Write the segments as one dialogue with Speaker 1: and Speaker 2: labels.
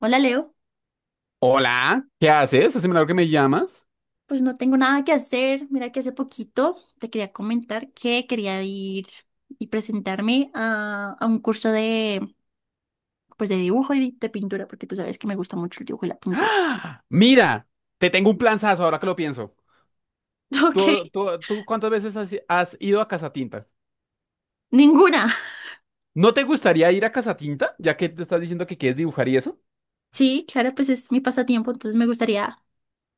Speaker 1: Hola Leo.
Speaker 2: Hola, ¿qué haces? Hace milagro que me llamas.
Speaker 1: Pues no tengo nada que hacer. Mira que hace poquito te quería comentar que quería ir y presentarme a un curso pues de dibujo y de pintura, porque tú sabes que me gusta mucho el dibujo y la pintura.
Speaker 2: Mira, te tengo un planzazo ahora que lo pienso.
Speaker 1: Ok.
Speaker 2: ¿Tú cuántas veces has ido a Casa Tinta?
Speaker 1: Ninguna.
Speaker 2: ¿No te gustaría ir a Casa Tinta, ya que te estás diciendo que quieres dibujar y eso?
Speaker 1: Sí, claro, pues es mi pasatiempo, entonces me gustaría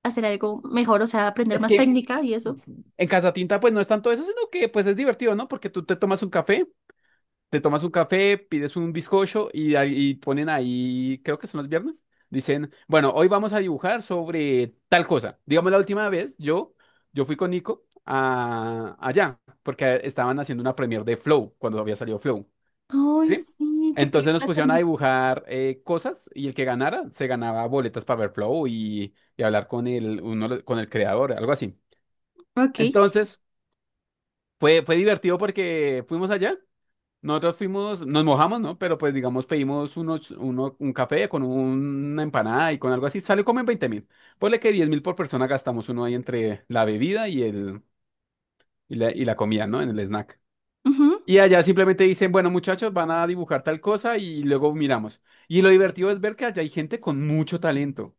Speaker 1: hacer algo mejor, o sea, aprender
Speaker 2: Es
Speaker 1: más
Speaker 2: que
Speaker 1: técnica y eso.
Speaker 2: en Casa Tinta pues no es tanto eso, sino que pues es divertido, ¿no? Porque tú te tomas un café, pides un bizcocho y, ahí y ponen ahí, creo que son los viernes, dicen, bueno, hoy vamos a dibujar sobre tal cosa. Digamos, la última vez yo fui con Nico a, allá, porque estaban haciendo una premiere de Flow, cuando había salido Flow,
Speaker 1: Ay,
Speaker 2: ¿sí?
Speaker 1: sí, qué
Speaker 2: Entonces nos
Speaker 1: película
Speaker 2: pusieron a
Speaker 1: también.
Speaker 2: dibujar cosas y el que ganara se ganaba boletas para ver Flow y hablar con el, uno, con el creador, algo así.
Speaker 1: Ok, sí.
Speaker 2: Entonces fue divertido porque fuimos allá. Nosotros fuimos, nos mojamos, ¿no? Pero pues digamos pedimos un café con una empanada y con algo así. Salió como en 20.000. Ponle que 10.000 por persona gastamos uno ahí entre la bebida y la comida, ¿no? En el snack.
Speaker 1: Ujú,
Speaker 2: Y allá
Speaker 1: sí.
Speaker 2: simplemente dicen, bueno muchachos, van a dibujar tal cosa y luego miramos. Y lo divertido es ver que allá hay gente con mucho talento.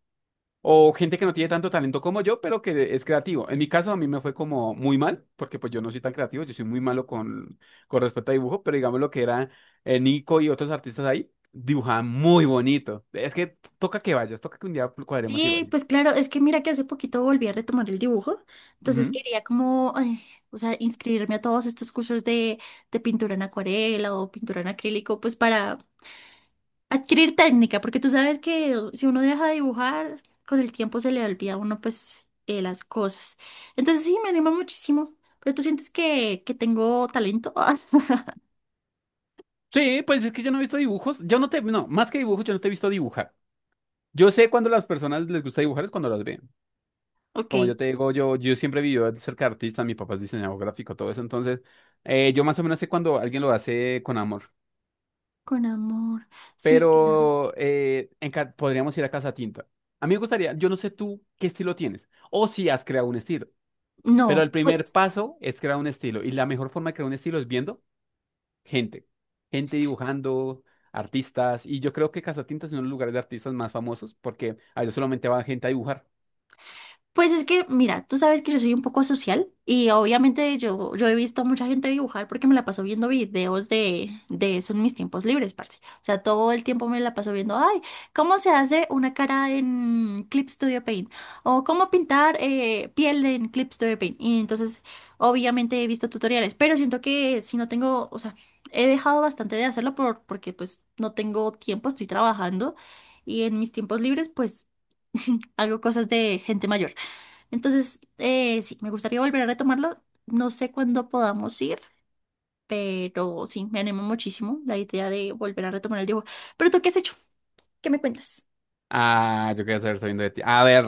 Speaker 2: O gente que no tiene tanto talento como yo, pero que es creativo. En mi caso, a mí me fue como muy mal, porque pues yo no soy tan creativo, yo soy muy malo con respecto a dibujo, pero digamos lo que era Nico y otros artistas ahí, dibujaban muy bonito. Es que toca que vayas, toca que un día cuadremos y
Speaker 1: Sí,
Speaker 2: vaya.
Speaker 1: pues claro, es que mira que hace poquito volví a retomar el dibujo, entonces
Speaker 2: Ujú.
Speaker 1: quería como, ay, o sea, inscribirme a todos estos cursos de pintura en acuarela o pintura en acrílico, pues para adquirir técnica, porque tú sabes que si uno deja de dibujar, con el tiempo se le olvida a uno pues las cosas. Entonces sí, me anima muchísimo, pero tú sientes que tengo talento.
Speaker 2: Sí, pues es que yo no he visto dibujos, yo no te, no, más que dibujos, yo no te he visto dibujar. Yo sé cuando las personas les gusta dibujar es cuando las ven.
Speaker 1: Ok,
Speaker 2: Como yo te digo, yo siempre viví de cerca de artista, mi papá es diseñador gráfico, todo eso, entonces yo más o menos sé cuando alguien lo hace con amor.
Speaker 1: con amor, sí, claro.
Speaker 2: Pero podríamos ir a Casa Tinta. A mí me gustaría, yo no sé tú qué estilo tienes o si has creado un estilo, pero
Speaker 1: No,
Speaker 2: el primer
Speaker 1: pues...
Speaker 2: paso es crear un estilo y la mejor forma de crear un estilo es viendo gente, gente dibujando, artistas y yo creo que Casa Tinta es uno de los lugares de artistas más famosos porque a ellos solamente va gente a dibujar.
Speaker 1: Pues es que, mira, tú sabes que yo soy un poco social y obviamente yo he visto a mucha gente dibujar porque me la paso viendo videos de eso en mis tiempos libres, parce. O sea, todo el tiempo me la paso viendo, ay, cómo se hace una cara en Clip Studio Paint o cómo pintar piel en Clip Studio Paint. Y entonces, obviamente he visto tutoriales, pero siento que si no tengo, o sea, he dejado bastante de hacerlo porque pues no tengo tiempo, estoy trabajando y en mis tiempos libres pues hago cosas de gente mayor. Entonces, sí, me gustaría volver a retomarlo. No sé cuándo podamos ir, pero sí, me anima muchísimo la idea de volver a retomar el dibujo. Pero tú, ¿qué has hecho? ¿Qué me cuentas?
Speaker 2: Ah, yo quería saber sabiendo de ti. A ver,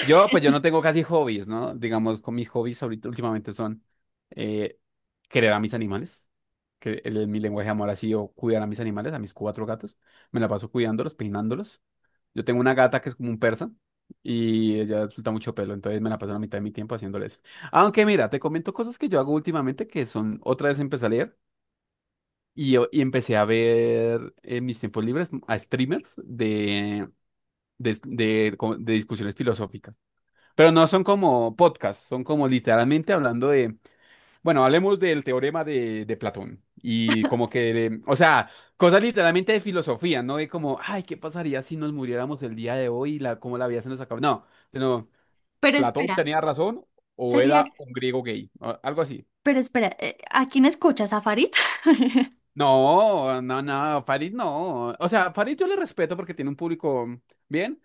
Speaker 2: yo pues yo no tengo casi hobbies, ¿no? Digamos, con mis hobbies ahorita últimamente son eh, querer a mis animales, que mi lenguaje de amor ha sido cuidar a mis animales, a mis cuatro gatos. Me la paso cuidándolos, peinándolos. Yo tengo una gata que es como un persa y ella suelta mucho pelo, entonces me la paso la mitad de mi tiempo haciéndoles. Aunque mira, te comento cosas que yo hago últimamente que son, otra vez empecé a leer y empecé a ver en mis tiempos libres a streamers de discusiones filosóficas. Pero no son como podcasts, son como literalmente hablando de, bueno, hablemos del teorema de Platón y como que, o sea, cosas literalmente de filosofía, no de como, ay, ¿qué pasaría si nos muriéramos el día de hoy y la, cómo la vida se nos acaba? No, sino,
Speaker 1: Pero
Speaker 2: ¿Platón
Speaker 1: espera,
Speaker 2: tenía razón o
Speaker 1: sería,
Speaker 2: era un griego gay? O algo así.
Speaker 1: pero espera, ¿a quién escuchas? ¿A Farid?
Speaker 2: No, no, no, Farid no. O sea, Farid yo le respeto porque tiene un público bien.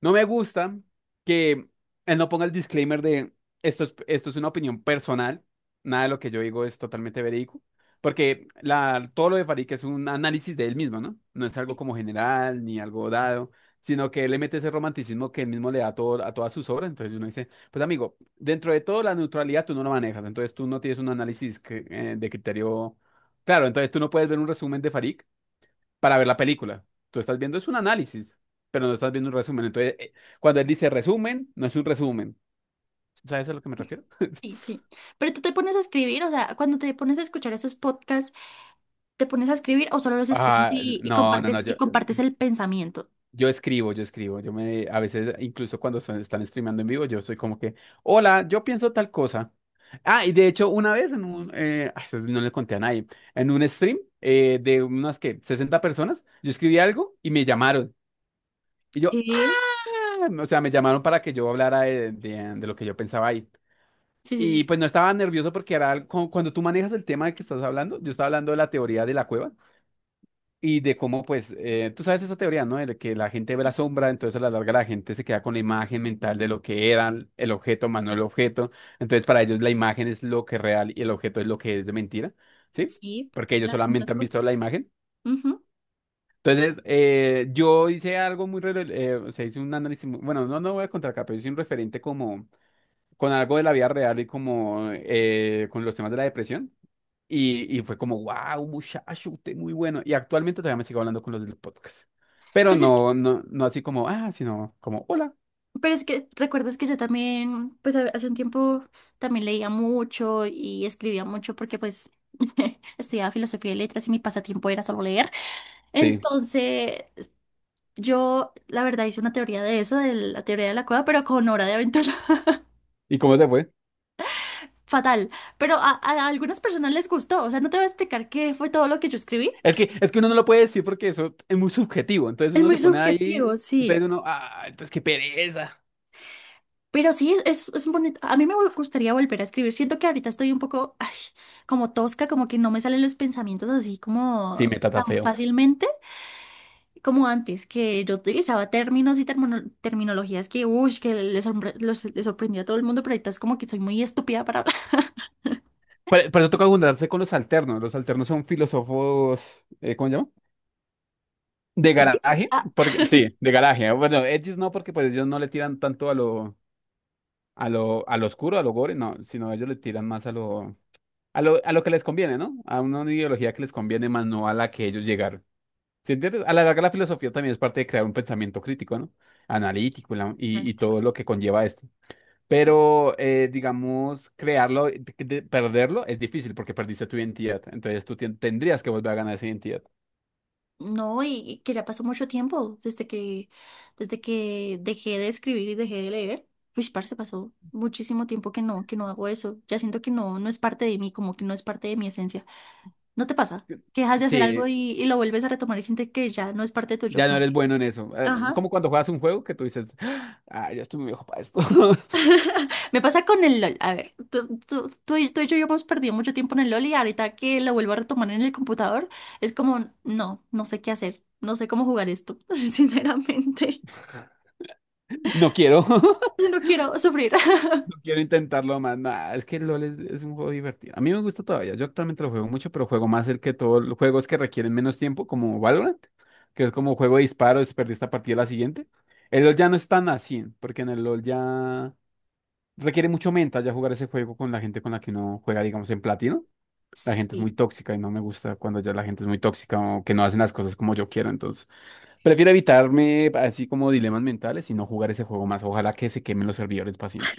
Speaker 2: No me gusta que él no ponga el disclaimer de esto es una opinión personal, nada de lo que yo digo es totalmente verídico, porque todo lo de Farik es un análisis de él mismo, ¿no? No es algo como general ni algo dado, sino que él le mete ese romanticismo que él mismo le da a todas sus obras, entonces uno dice, pues amigo, dentro de todo la neutralidad tú no lo manejas, entonces tú no tienes un análisis de criterio claro, entonces tú no puedes ver un resumen de Farik para ver la película. Tú estás viendo es un análisis, pero no estás viendo un resumen. Entonces, cuando él dice resumen, no es un resumen. ¿Sabes a lo que me refiero?
Speaker 1: Sí, sí. Pero tú te pones a escribir, o sea, cuando te pones a escuchar esos podcasts, ¿te pones a escribir o solo los escuchas
Speaker 2: Ah, no, no, no,
Speaker 1: y compartes el pensamiento?
Speaker 2: yo escribo, a veces, incluso cuando están streamando en vivo, yo soy como que, hola, yo pienso tal cosa. Ah, y de hecho, una vez en un, eso no le conté a nadie, en un stream de unas que 60 personas, yo escribí algo y me llamaron. Y
Speaker 1: ¿Qué?
Speaker 2: o sea, me llamaron para que yo hablara de lo que yo pensaba ahí.
Speaker 1: Sí,
Speaker 2: Y
Speaker 1: sí,
Speaker 2: pues no estaba nervioso porque era cuando tú manejas el tema del que estás hablando, yo estaba hablando de la teoría de la cueva y de cómo pues, tú sabes esa teoría, ¿no? De que la gente ve
Speaker 1: sí.
Speaker 2: la sombra, entonces a la larga la gente se queda con la imagen mental de lo que era el objeto, más no el objeto. Entonces para ellos la imagen es lo que es real y el objeto es lo que es de mentira, ¿sí?
Speaker 1: Sí,
Speaker 2: Porque ellos
Speaker 1: la
Speaker 2: solamente han
Speaker 1: conozco.
Speaker 2: visto la imagen.
Speaker 1: Ujú.
Speaker 2: Entonces yo hice algo o sea, hice un análisis, bueno, no voy a contar acá, pero hice un referente como con algo de la vida real y como con los temas de la depresión. Y fue como, wow, muchacho, usted muy bueno. Y actualmente todavía me sigo hablando con los del podcast. Pero
Speaker 1: Pues es que,
Speaker 2: no, no, no así como, sino como, hola.
Speaker 1: pero es que recuerdas que yo también, pues ha- hace un tiempo también leía mucho y escribía mucho porque pues estudiaba filosofía y letras y mi pasatiempo era solo leer.
Speaker 2: Sí.
Speaker 1: Entonces yo la verdad hice una teoría de eso, de la teoría de la cueva, pero con Hora de Aventura.
Speaker 2: ¿Y cómo te fue?
Speaker 1: Fatal. Pero a algunas personas les gustó. O sea, no te voy a explicar qué fue todo lo que yo escribí.
Speaker 2: Es que uno no lo puede decir porque eso es muy subjetivo. Entonces
Speaker 1: Es
Speaker 2: uno
Speaker 1: muy
Speaker 2: se pone ahí,
Speaker 1: subjetivo, sí.
Speaker 2: entonces qué pereza.
Speaker 1: Pero sí, es bonito. A mí me vol- gustaría volver a escribir. Siento que ahorita estoy un poco ay, como tosca, como que no me salen los pensamientos así
Speaker 2: Sí,
Speaker 1: como
Speaker 2: me trata
Speaker 1: tan
Speaker 2: feo.
Speaker 1: fácilmente como antes, que yo utilizaba términos y termono- terminologías que, uy, que le sorpre- los- le sorprendía a todo el mundo, pero ahorita es como que soy muy estúpida para hablar.
Speaker 2: Por eso toca juntarse con los alternos. Los alternos son filósofos, ¿cómo se llama? De
Speaker 1: El chiste,
Speaker 2: garaje.
Speaker 1: ah.
Speaker 2: Porque, sí, de garaje. Bueno, ellos no, porque pues ellos no le tiran tanto a lo oscuro, a lo gore, no, sino ellos le tiran más a lo que les conviene, ¿no? A una ideología que les conviene más, no a la que ellos llegaron. ¿Sí entiendes? A la larga, la filosofía también es parte de crear un pensamiento crítico, ¿no?
Speaker 1: Sí,
Speaker 2: Analítico la- y,
Speaker 1: dale.
Speaker 2: y todo lo que conlleva esto. Pero, digamos, crearlo, perderlo es difícil porque perdiste tu identidad. Entonces tú tendrías que volver a ganar esa identidad.
Speaker 1: No, y que ya pasó mucho tiempo desde desde que dejé de escribir y dejé de leer. Uy, parce, pasó muchísimo tiempo que no hago eso. Ya siento que no, no es parte de mí, como que no es parte de mi esencia. ¿No te pasa? Que dejas de hacer algo
Speaker 2: Sí,
Speaker 1: y lo vuelves a retomar y sientes que ya no es parte tuyo,
Speaker 2: ya no
Speaker 1: como
Speaker 2: eres
Speaker 1: que...
Speaker 2: bueno en eso. Eh,
Speaker 1: Ajá.
Speaker 2: como cuando juegas un juego que tú dices, ah, ya estoy muy viejo para esto.
Speaker 1: Me pasa con el LOL. A ver, tú y yo hemos perdido mucho tiempo en el LOL y ahorita que lo vuelvo a retomar en el computador, es como, no, no sé qué hacer, no sé cómo jugar esto, sinceramente.
Speaker 2: No quiero.
Speaker 1: Yo no quiero sufrir.
Speaker 2: Quiero intentarlo más. Nah, es que LOL es un juego divertido. A mí me gusta todavía. Yo actualmente lo juego mucho, pero juego más el que todos los juegos que requieren menos tiempo, como Valorant, que es como juego de disparo, es perder esta partida la siguiente. El LOL ya no es tan así, porque en el LOL ya requiere mucho mental ya jugar ese juego con la gente con la que uno juega, digamos, en platino. La gente es
Speaker 1: Sí,
Speaker 2: muy tóxica y no me gusta cuando ya la gente es muy tóxica o que no hacen las cosas como yo quiero. Entonces, prefiero evitarme así como dilemas mentales y no jugar ese juego más. Ojalá que se quemen los servidores para siempre.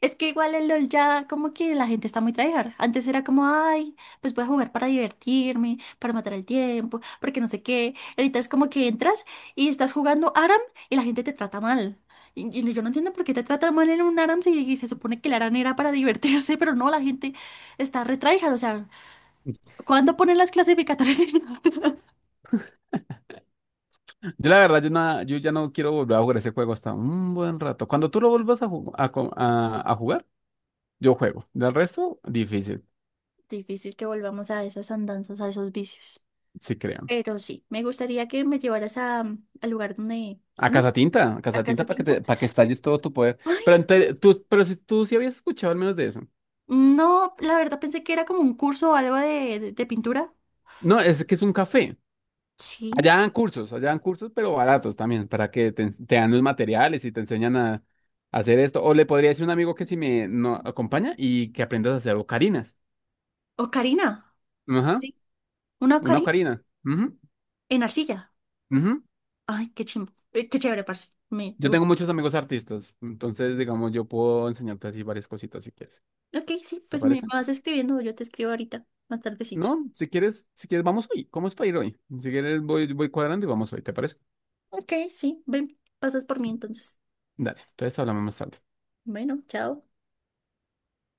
Speaker 1: es que igual el LOL ya como que la gente está muy tryhard. Antes era como, ay, pues voy a jugar para divertirme, para matar el tiempo, porque no sé qué. Ahorita es como que entras y estás jugando ARAM y la gente te trata mal. Y yo no entiendo por qué te tratan mal en un ARAM si y se supone que el ARAM era para divertirse, pero no, la gente está re tryhard. O sea, ¿cuándo ponen las clasificatorias?
Speaker 2: Yo la verdad, yo ya no quiero volver a jugar ese juego hasta un buen rato. Cuando tú lo vuelvas a, ju- a, co- a jugar, yo juego. Del resto, difícil,
Speaker 1: Difícil que volvamos a esas andanzas, a esos vicios.
Speaker 2: sí creo.
Speaker 1: Pero sí, me gustaría que me llevaras a, al lugar donde...
Speaker 2: A
Speaker 1: ¿No?
Speaker 2: Casatinta, a
Speaker 1: ¿A casa?
Speaker 2: Casatinta para que estalles todo tu poder.
Speaker 1: Ay,
Speaker 2: Pero,
Speaker 1: sí.
Speaker 2: tú, pero si tú sí habías escuchado al menos de eso.
Speaker 1: No, la verdad pensé que era como un curso o algo de pintura.
Speaker 2: No, es que es un café.
Speaker 1: Sí.
Speaker 2: Allá dan cursos, pero baratos también, para que te dan los materiales y te enseñan a hacer esto. O le podría decir a un amigo que si me no, acompaña y que aprendas a hacer ocarinas.
Speaker 1: Ocarina. ¿Cómo
Speaker 2: Ajá,
Speaker 1: así? Una
Speaker 2: una
Speaker 1: ocarina
Speaker 2: ocarina. Ujú,
Speaker 1: en arcilla.
Speaker 2: ujú.
Speaker 1: Ay, qué chimbo. Qué chévere, parce. Me,
Speaker 2: Yo
Speaker 1: me
Speaker 2: tengo
Speaker 1: gustó.
Speaker 2: muchos amigos artistas, entonces, digamos, yo puedo enseñarte así varias cositas si quieres.
Speaker 1: Ok, sí,
Speaker 2: ¿Te
Speaker 1: pues me
Speaker 2: parece?
Speaker 1: vas escribiendo. Yo te escribo ahorita, más tardecito.
Speaker 2: No, si quieres, vamos hoy. ¿Cómo es para ir hoy? Si quieres, voy cuadrando y vamos hoy, ¿te parece?
Speaker 1: Ok, sí. Ven, pasas por mí entonces.
Speaker 2: Dale, entonces hablamos más tarde.
Speaker 1: Bueno, chao.